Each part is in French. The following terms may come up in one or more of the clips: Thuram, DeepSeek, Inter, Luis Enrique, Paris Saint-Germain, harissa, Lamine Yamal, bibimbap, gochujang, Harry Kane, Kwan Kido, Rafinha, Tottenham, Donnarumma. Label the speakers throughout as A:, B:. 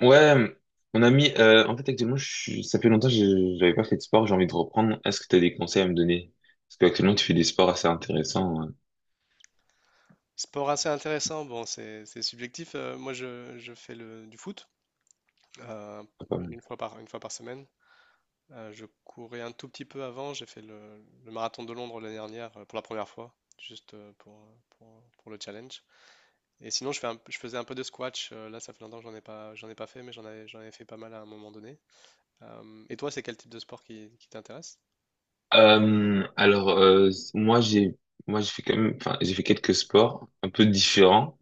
A: Ouais, on a mis. En fait, actuellement, ça fait longtemps que j'avais pas fait de sport, j'ai envie de reprendre. Est-ce que tu as des conseils à me donner? Parce qu'actuellement, tu fais des sports assez intéressants.
B: Sport assez intéressant, bon, c'est subjectif. Moi, je fais du foot euh,
A: Pas mal.
B: une fois une fois par semaine. Je courais un tout petit peu avant. J'ai fait le marathon de Londres l'année dernière pour la première fois, juste pour le challenge. Et sinon, je faisais un peu de squash. Là, ça fait longtemps que j'en ai pas fait, mais j'en avais fait pas mal à un moment donné. Et toi, c'est quel type de sport qui t'intéresse?
A: Euh, alors, euh, moi, j'ai moi, j'ai fait quand même. Enfin, j'ai fait quelques sports un peu différents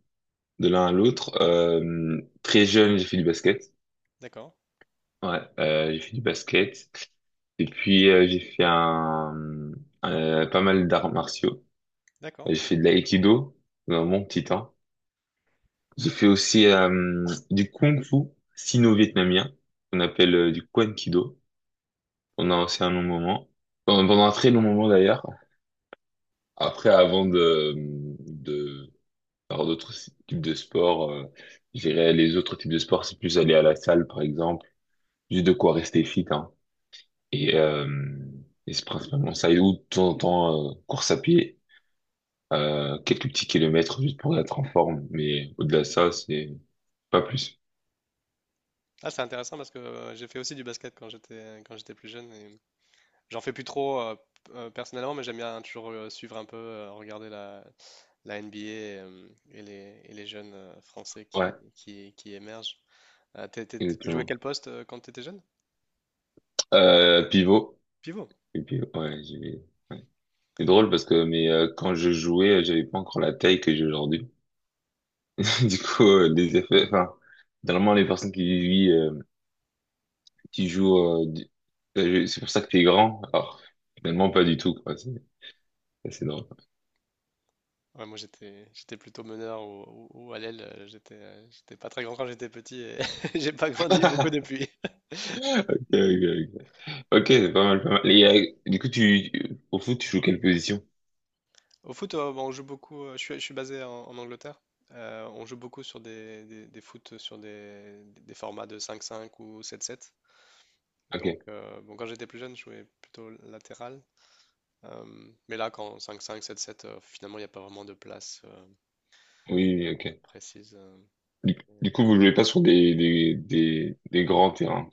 A: de l'un à l'autre. Très jeune, j'ai fait du basket.
B: D'accord,
A: Ouais, j'ai fait du basket. Et puis, j'ai fait pas mal d'arts martiaux.
B: d'accord.
A: J'ai fait de l'aïkido dans mon petit temps. J'ai fait aussi du kung fu sino-vietnamien, qu'on appelle du Kwan Kido, pendant aussi un long moment, pendant un très long moment d'ailleurs. Après, avant de faire d'autres types de sports, je dirais les autres types de sports, c'est plus aller à la salle par exemple, juste de quoi rester fit, hein. Et, euh, et c'est principalement ça, et ou de temps en temps, course à pied, quelques petits kilomètres juste pour être en forme, mais au-delà de ça, c'est pas plus.
B: Ah, c'est intéressant parce que j'ai fait aussi du basket quand j'étais plus jeune. J'en fais plus trop personnellement, mais j'aime bien toujours suivre un peu, regarder la NBA et les jeunes Français
A: Ouais,
B: qui émergent. Tu jouais
A: exactement.
B: quel poste quand tu étais jeune?
A: Pivot.
B: Pivot.
A: Et puis, ouais, j'ai... ouais. C'est drôle parce que mais quand je jouais, j'avais pas encore la taille que j'ai aujourd'hui. Du coup, les effets, enfin, normalement les personnes qui vivent, qui jouent, euh, du- c'est pour ça que t'es grand. Alors, finalement pas du tout, quoi. C'est drôle.
B: Ouais, moi j'étais plutôt meneur ou à l'aile. J'étais pas très grand quand j'étais petit et j'ai pas grandi beaucoup depuis.
A: Ok, ok, ok. Ok, c'est pas mal, pas mal. Et, du coup, tu au foot, tu joues quelle position?
B: Au foot, bon, on joue beaucoup. Je suis basé en Angleterre. On joue beaucoup sur des foot sur des formats de 5-5 ou 7-7.
A: Ok. Oui,
B: Donc, bon, quand j'étais plus jeune, je jouais plutôt latéral. Mais là, quand cinq cinq sept sept finalement, il n'y a pas vraiment de place
A: oui, oui, ok.
B: précise. euh.
A: Du, du coup, vous jouez pas sur des grands terrains.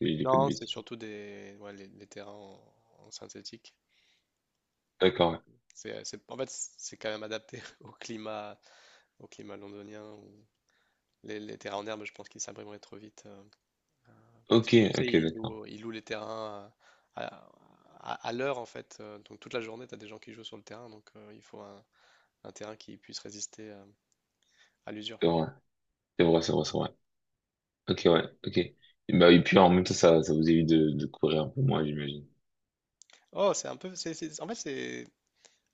A: Je dis pas de
B: Non, c'est
A: bêtises.
B: surtout ouais, les terrains en synthétique.
A: D'accord. Ouais.
B: En fait, c'est quand même adapté au climat, londonien, où les terrains en herbe, je pense qu'ils s'abîmeraient trop vite. Euh, Parce
A: Ok,
B: que tu sais,
A: ok,
B: ils
A: d'accord.
B: louent, ils louent les terrains à, à- à l'heure, en fait. Donc toute la journée, tu as des gens qui jouent sur le terrain. Donc il faut un terrain qui puisse résister à l'usure.
A: C'est vrai, c'est vrai, c'est vrai, c'est vrai. Ok, ouais, ok. Et, bah, et puis en même temps, ça vous évite de courir un peu moins, j'imagine.
B: Oh, c'est un peu. C'est- en fait, c'est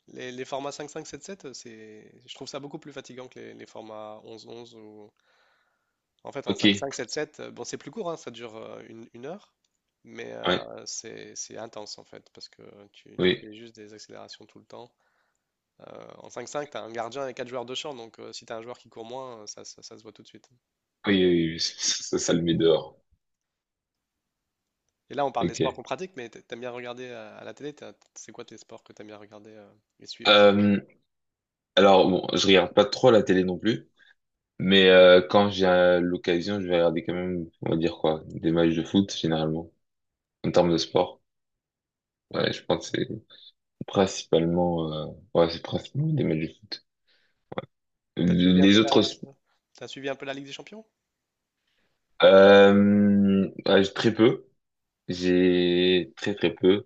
B: les formats cinq cinq sept sept. Je trouve ça beaucoup plus fatigant que les formats onze onze. En fait, en
A: Ok,
B: cinq cinq sept sept. Bon, c'est plus court, hein, ça dure une heure, mais
A: ouais,
B: c'est intense en fait, parce que tu
A: oui,
B: fais juste des accélérations tout le temps. En cinq cinq, tu as un gardien et quatre joueurs de champ, donc si tu as un joueur qui court moins, ça se voit tout de suite.
A: oui, oui, oui. Ça le met dehors.
B: Et là, on parle des
A: Ok.
B: sports qu'on pratique, mais t'aimes bien regarder à la télé, c'est quoi tes sports que t'aimes bien regarder et suivre à la télé?
A: Euh, bon, je regarde pas trop la télé non plus, mais quand j'ai l'occasion, je vais regarder quand même, on va dire quoi, des matchs de foot, généralement, en termes de sport. Ouais, je pense que c'est principalement, ouais, c'est principalement des matchs de foot. Euh,
B: T'as suivi un
A: Les
B: peu la,
A: autres, sp-
B: t'as suivi un peu la Ligue des Champions?
A: ouais, très peu. J'ai très très peu.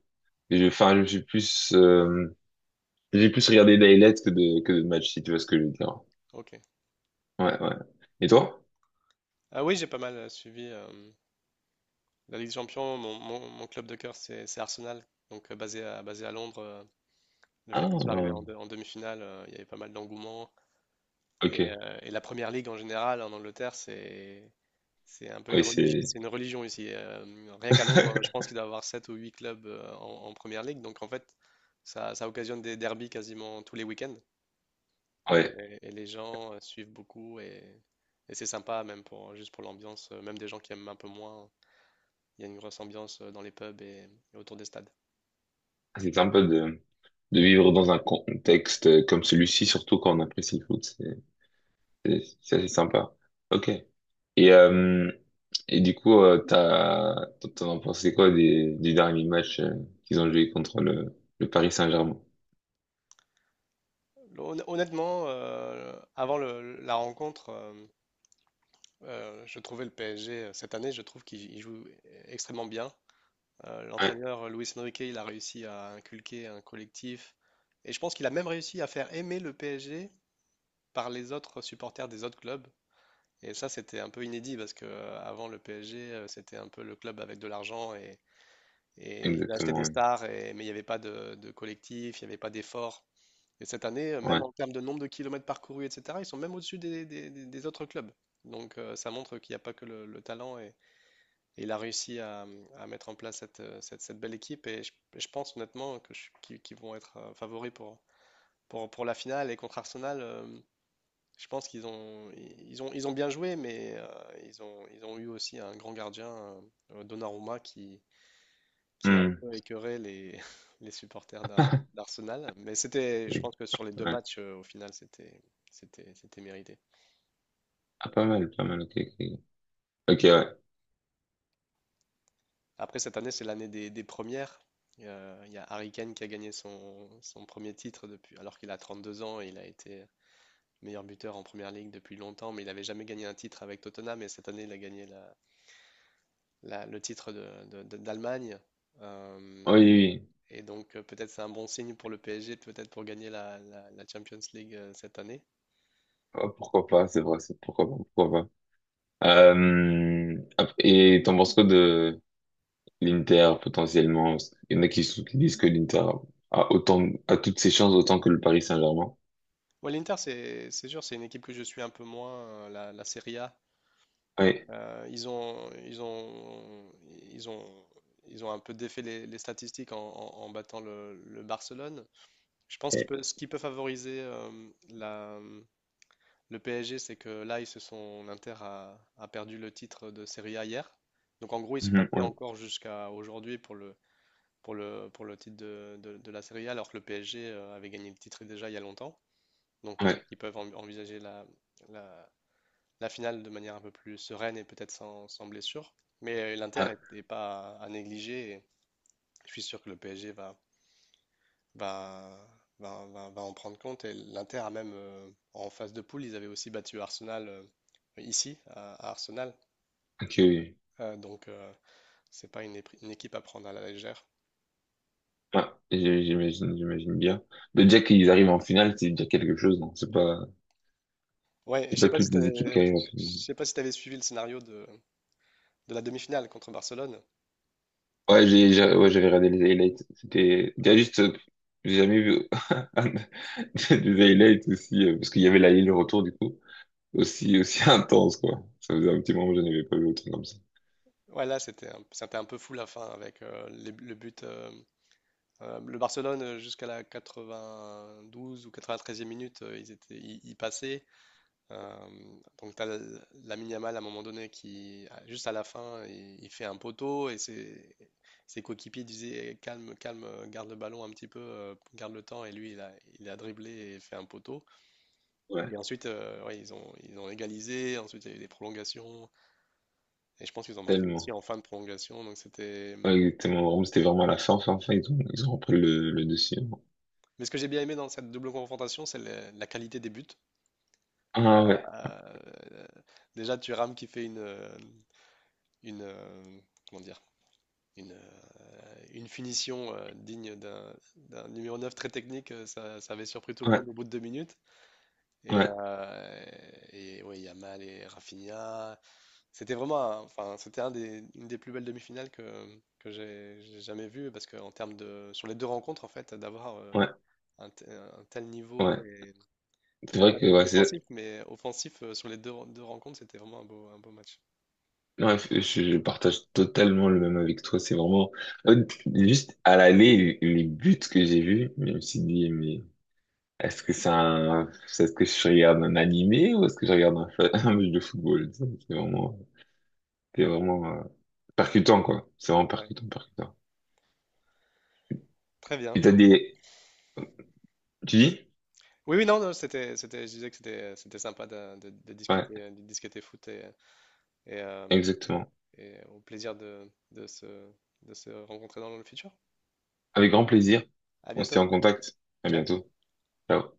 A: Enfin, je suis plus, j'ai plus regardé d'highlights que de matchs, si tu vois ce que je veux dire.
B: Ok.
A: Ouais, ouais. Et toi?
B: Ah oui, j'ai pas mal suivi la Ligue des Champions. Mon club de cœur, c'est Arsenal. Donc, basé à Londres, le fait qu'ils soient arrivés
A: Ah,
B: en demi-finale, il y avait pas mal d'engouement.
A: ok.
B: Et la Première Ligue, en général, en Angleterre, c'est un peu une
A: Oui,
B: religion,
A: c'est,
B: c'est une religion ici. Rien qu'à Londres, je pense qu'il doit y avoir 7 ou 8 clubs en Première Ligue. Donc, en fait, ça occasionne des derbies quasiment tous les week-ends. Et,
A: ouais,
B: et les gens suivent beaucoup. Et c'est sympa, même juste pour l'ambiance, même des gens qui aiment un peu moins. Il y a une grosse ambiance dans les pubs et autour des stades.
A: c'est sympa de vivre dans un contexte comme celui-ci, surtout quand on apprécie le foot. C'est assez sympa. Ok. Et euh, et du coup, t'as t'en as pensé quoi des du dernier match qu'ils ont joué contre le Paris Saint-Germain?
B: Honnêtement, avant la rencontre, je trouvais le PSG cette année, je trouve qu'il joue extrêmement bien.
A: Ouais,
B: L'entraîneur Luis Enrique, il a réussi à inculquer un collectif et je pense qu'il a même réussi à faire aimer le PSG par les autres supporters des autres clubs. Et ça, c'était un peu inédit parce que avant le PSG, c'était un peu le club avec de l'argent et ils achetaient
A: exactement.
B: des
A: Ouais.
B: stars, mais il n'y avait pas de collectif, il n'y avait pas d'effort. Et cette année, même
A: Ouais.
B: en termes de nombre de kilomètres parcourus, etc., ils sont même au-dessus des autres clubs. Donc ça montre qu'il n'y a pas que le talent et il a réussi à mettre en place cette belle équipe et et je pense honnêtement que je- qu'ils qu'ils vont être favoris pour la finale et contre Arsenal, je pense qu'ils ont bien joué mais ils ont eu aussi un grand gardien, Donnarumma, qui a un
A: Hmm.
B: peu écœuré les, les supporters d'Ar-
A: Ouais.
B: d'Arsenal. Mais je pense que sur les deux matchs, au final, c'était mérité.
A: Ah, pas mal, pas mal, ok, ok. Ok, ouais.
B: Après, cette année, c'est l'année des premières. Il y a Harry Kane qui a gagné son premier titre depuis, alors qu'il a 32 ans et il a été meilleur buteur en première ligue depuis longtemps, mais il n'avait jamais gagné un titre avec Tottenham. Et cette année, il a gagné le titre d'Allemagne.
A: Oui,
B: Euh,
A: oui.
B: et donc, peut-être c'est un bon signe pour le PSG, peut-être pour gagner la Champions League cette année.
A: Oui. Oh, pourquoi pas, c'est vrai, c'est pourquoi pas, pourquoi pas. Et t'en penses quoi de l'Inter, potentiellement? Il y en a qui, sou- qui disent que l'Inter a autant, a toutes ses chances autant que le Paris Saint-Germain.
B: Ouais, l'Inter, c'est sûr, c'est une équipe que je suis un peu moins, la Serie A.
A: Ouais.
B: Ils ont, ils ont, ils ont, ils ont un peu défait les statistiques en battant le Barcelone. Je pense
A: Ouais.
B: ce qui peut favoriser la, le PSG, c'est que là, l'Inter a perdu le titre de Serie A hier. Donc en gros, ils se
A: Mhm,
B: battaient
A: ouais,
B: encore jusqu'à aujourd'hui pour le titre de la Serie A, alors que le PSG avait gagné le titre déjà il y a longtemps. Donc peut-être
A: ouais,
B: qu'ils peuvent envisager la la, la finale de manière un peu plus sereine et peut-être sans blessure. Mais
A: ouais.
B: l'Inter n'est pas à négliger et je suis sûr que le PSG va, va en prendre compte. Et l'Inter a même, en phase de poule, ils avaient aussi battu Arsenal ici, à Arsenal.
A: Ok, oui.
B: Donc, c'est pas une équipe à prendre à la légère.
A: Ouais, j'imagine, j'imagine bien. Mais déjà qu'ils arrivent en finale, c'est déjà quelque chose, non?
B: Ouais, et je
A: C'est
B: sais
A: pas
B: pas si
A: toutes
B: tu
A: les équipes qui
B: je
A: arrivent en finale.
B: sais pas si t'avais suivi le scénario de la demi-finale contre Barcelone.
A: Ouais, ouais, j'avais regardé les highlights. C'était, il y a juste, j'ai jamais vu un- des highlights aussi, parce qu'il y avait la le retour du coup, aussi intense, quoi. Ça faisait un petit moment que je n'avais pas vu autant comme ça.
B: Ouais, là, c'était un peu fou la fin avec le but. Le Barcelone, jusqu'à la 92 ou 93e minute, ils passaient. Euh, donc, tu as Lamine Yamal à un moment donné qui, juste à la fin, il fait un poteau et ses coéquipiers disaient eh, calme, calme, garde le ballon un petit peu, garde le temps. Et lui, il a dribblé et fait un poteau.
A: Ouais,
B: Et ensuite, ouais, ils ont égalisé. Ensuite, il y a eu des prolongations. Et je pense qu'ils ont marqué aussi
A: tellement.
B: en fin de prolongation. Donc, c'était.
A: Ouais, exactement. Vraiment, c'était vraiment à la fin, fin, fin, ils ont repris le dessus.
B: Mais ce que j'ai bien aimé dans cette double confrontation, c'est la qualité des buts. Euh,
A: Ah ouais,
B: euh, Déjà, Thuram qui fait une, euh, comment dire, une, euh, une finition digne d'un numéro 9 très technique, ça avait surpris tout le
A: ouais,
B: monde au bout de 2 minutes. Et,
A: ouais,
B: euh, et ouais, Yamal et Rafinha, c'était vraiment enfin, c'était une des plus belles demi-finales que j'ai jamais vues, parce que en termes sur les deux rencontres, en fait, d'avoir euh,
A: ouais,
B: un, te- un tel niveau,
A: ouais.
B: et
A: C'est
B: peut-être
A: vrai
B: pas
A: que,
B: dé-
A: ouais, c'est,
B: défensif, mais offensif sur les deux rencontres, c'était vraiment un beau match.
A: ouais, je partage totalement le même avec toi. C'est vraiment, euh, juste à l'aller, les buts que j'ai vus, même mais Est-ce que c'est un... Est-ce que je regarde un animé ou est-ce que je regarde un match de football? Ça, c'est vraiment, c'est vraiment percutant, quoi. C'est vraiment
B: Ouais,
A: percutant, percutant.
B: très bien.
A: Et t'as
B: Bon.
A: des... Tu dis?
B: Oui, oui, non, non, je disais que c'était sympa de, de- de
A: Ouais,
B: discuter, de discuter foot et, euh,
A: exactement.
B: et au plaisir de se rencontrer dans le futur.
A: Avec grand plaisir.
B: À
A: On se
B: bientôt.
A: tient en contact. À
B: Ciao.
A: bientôt. Ciao.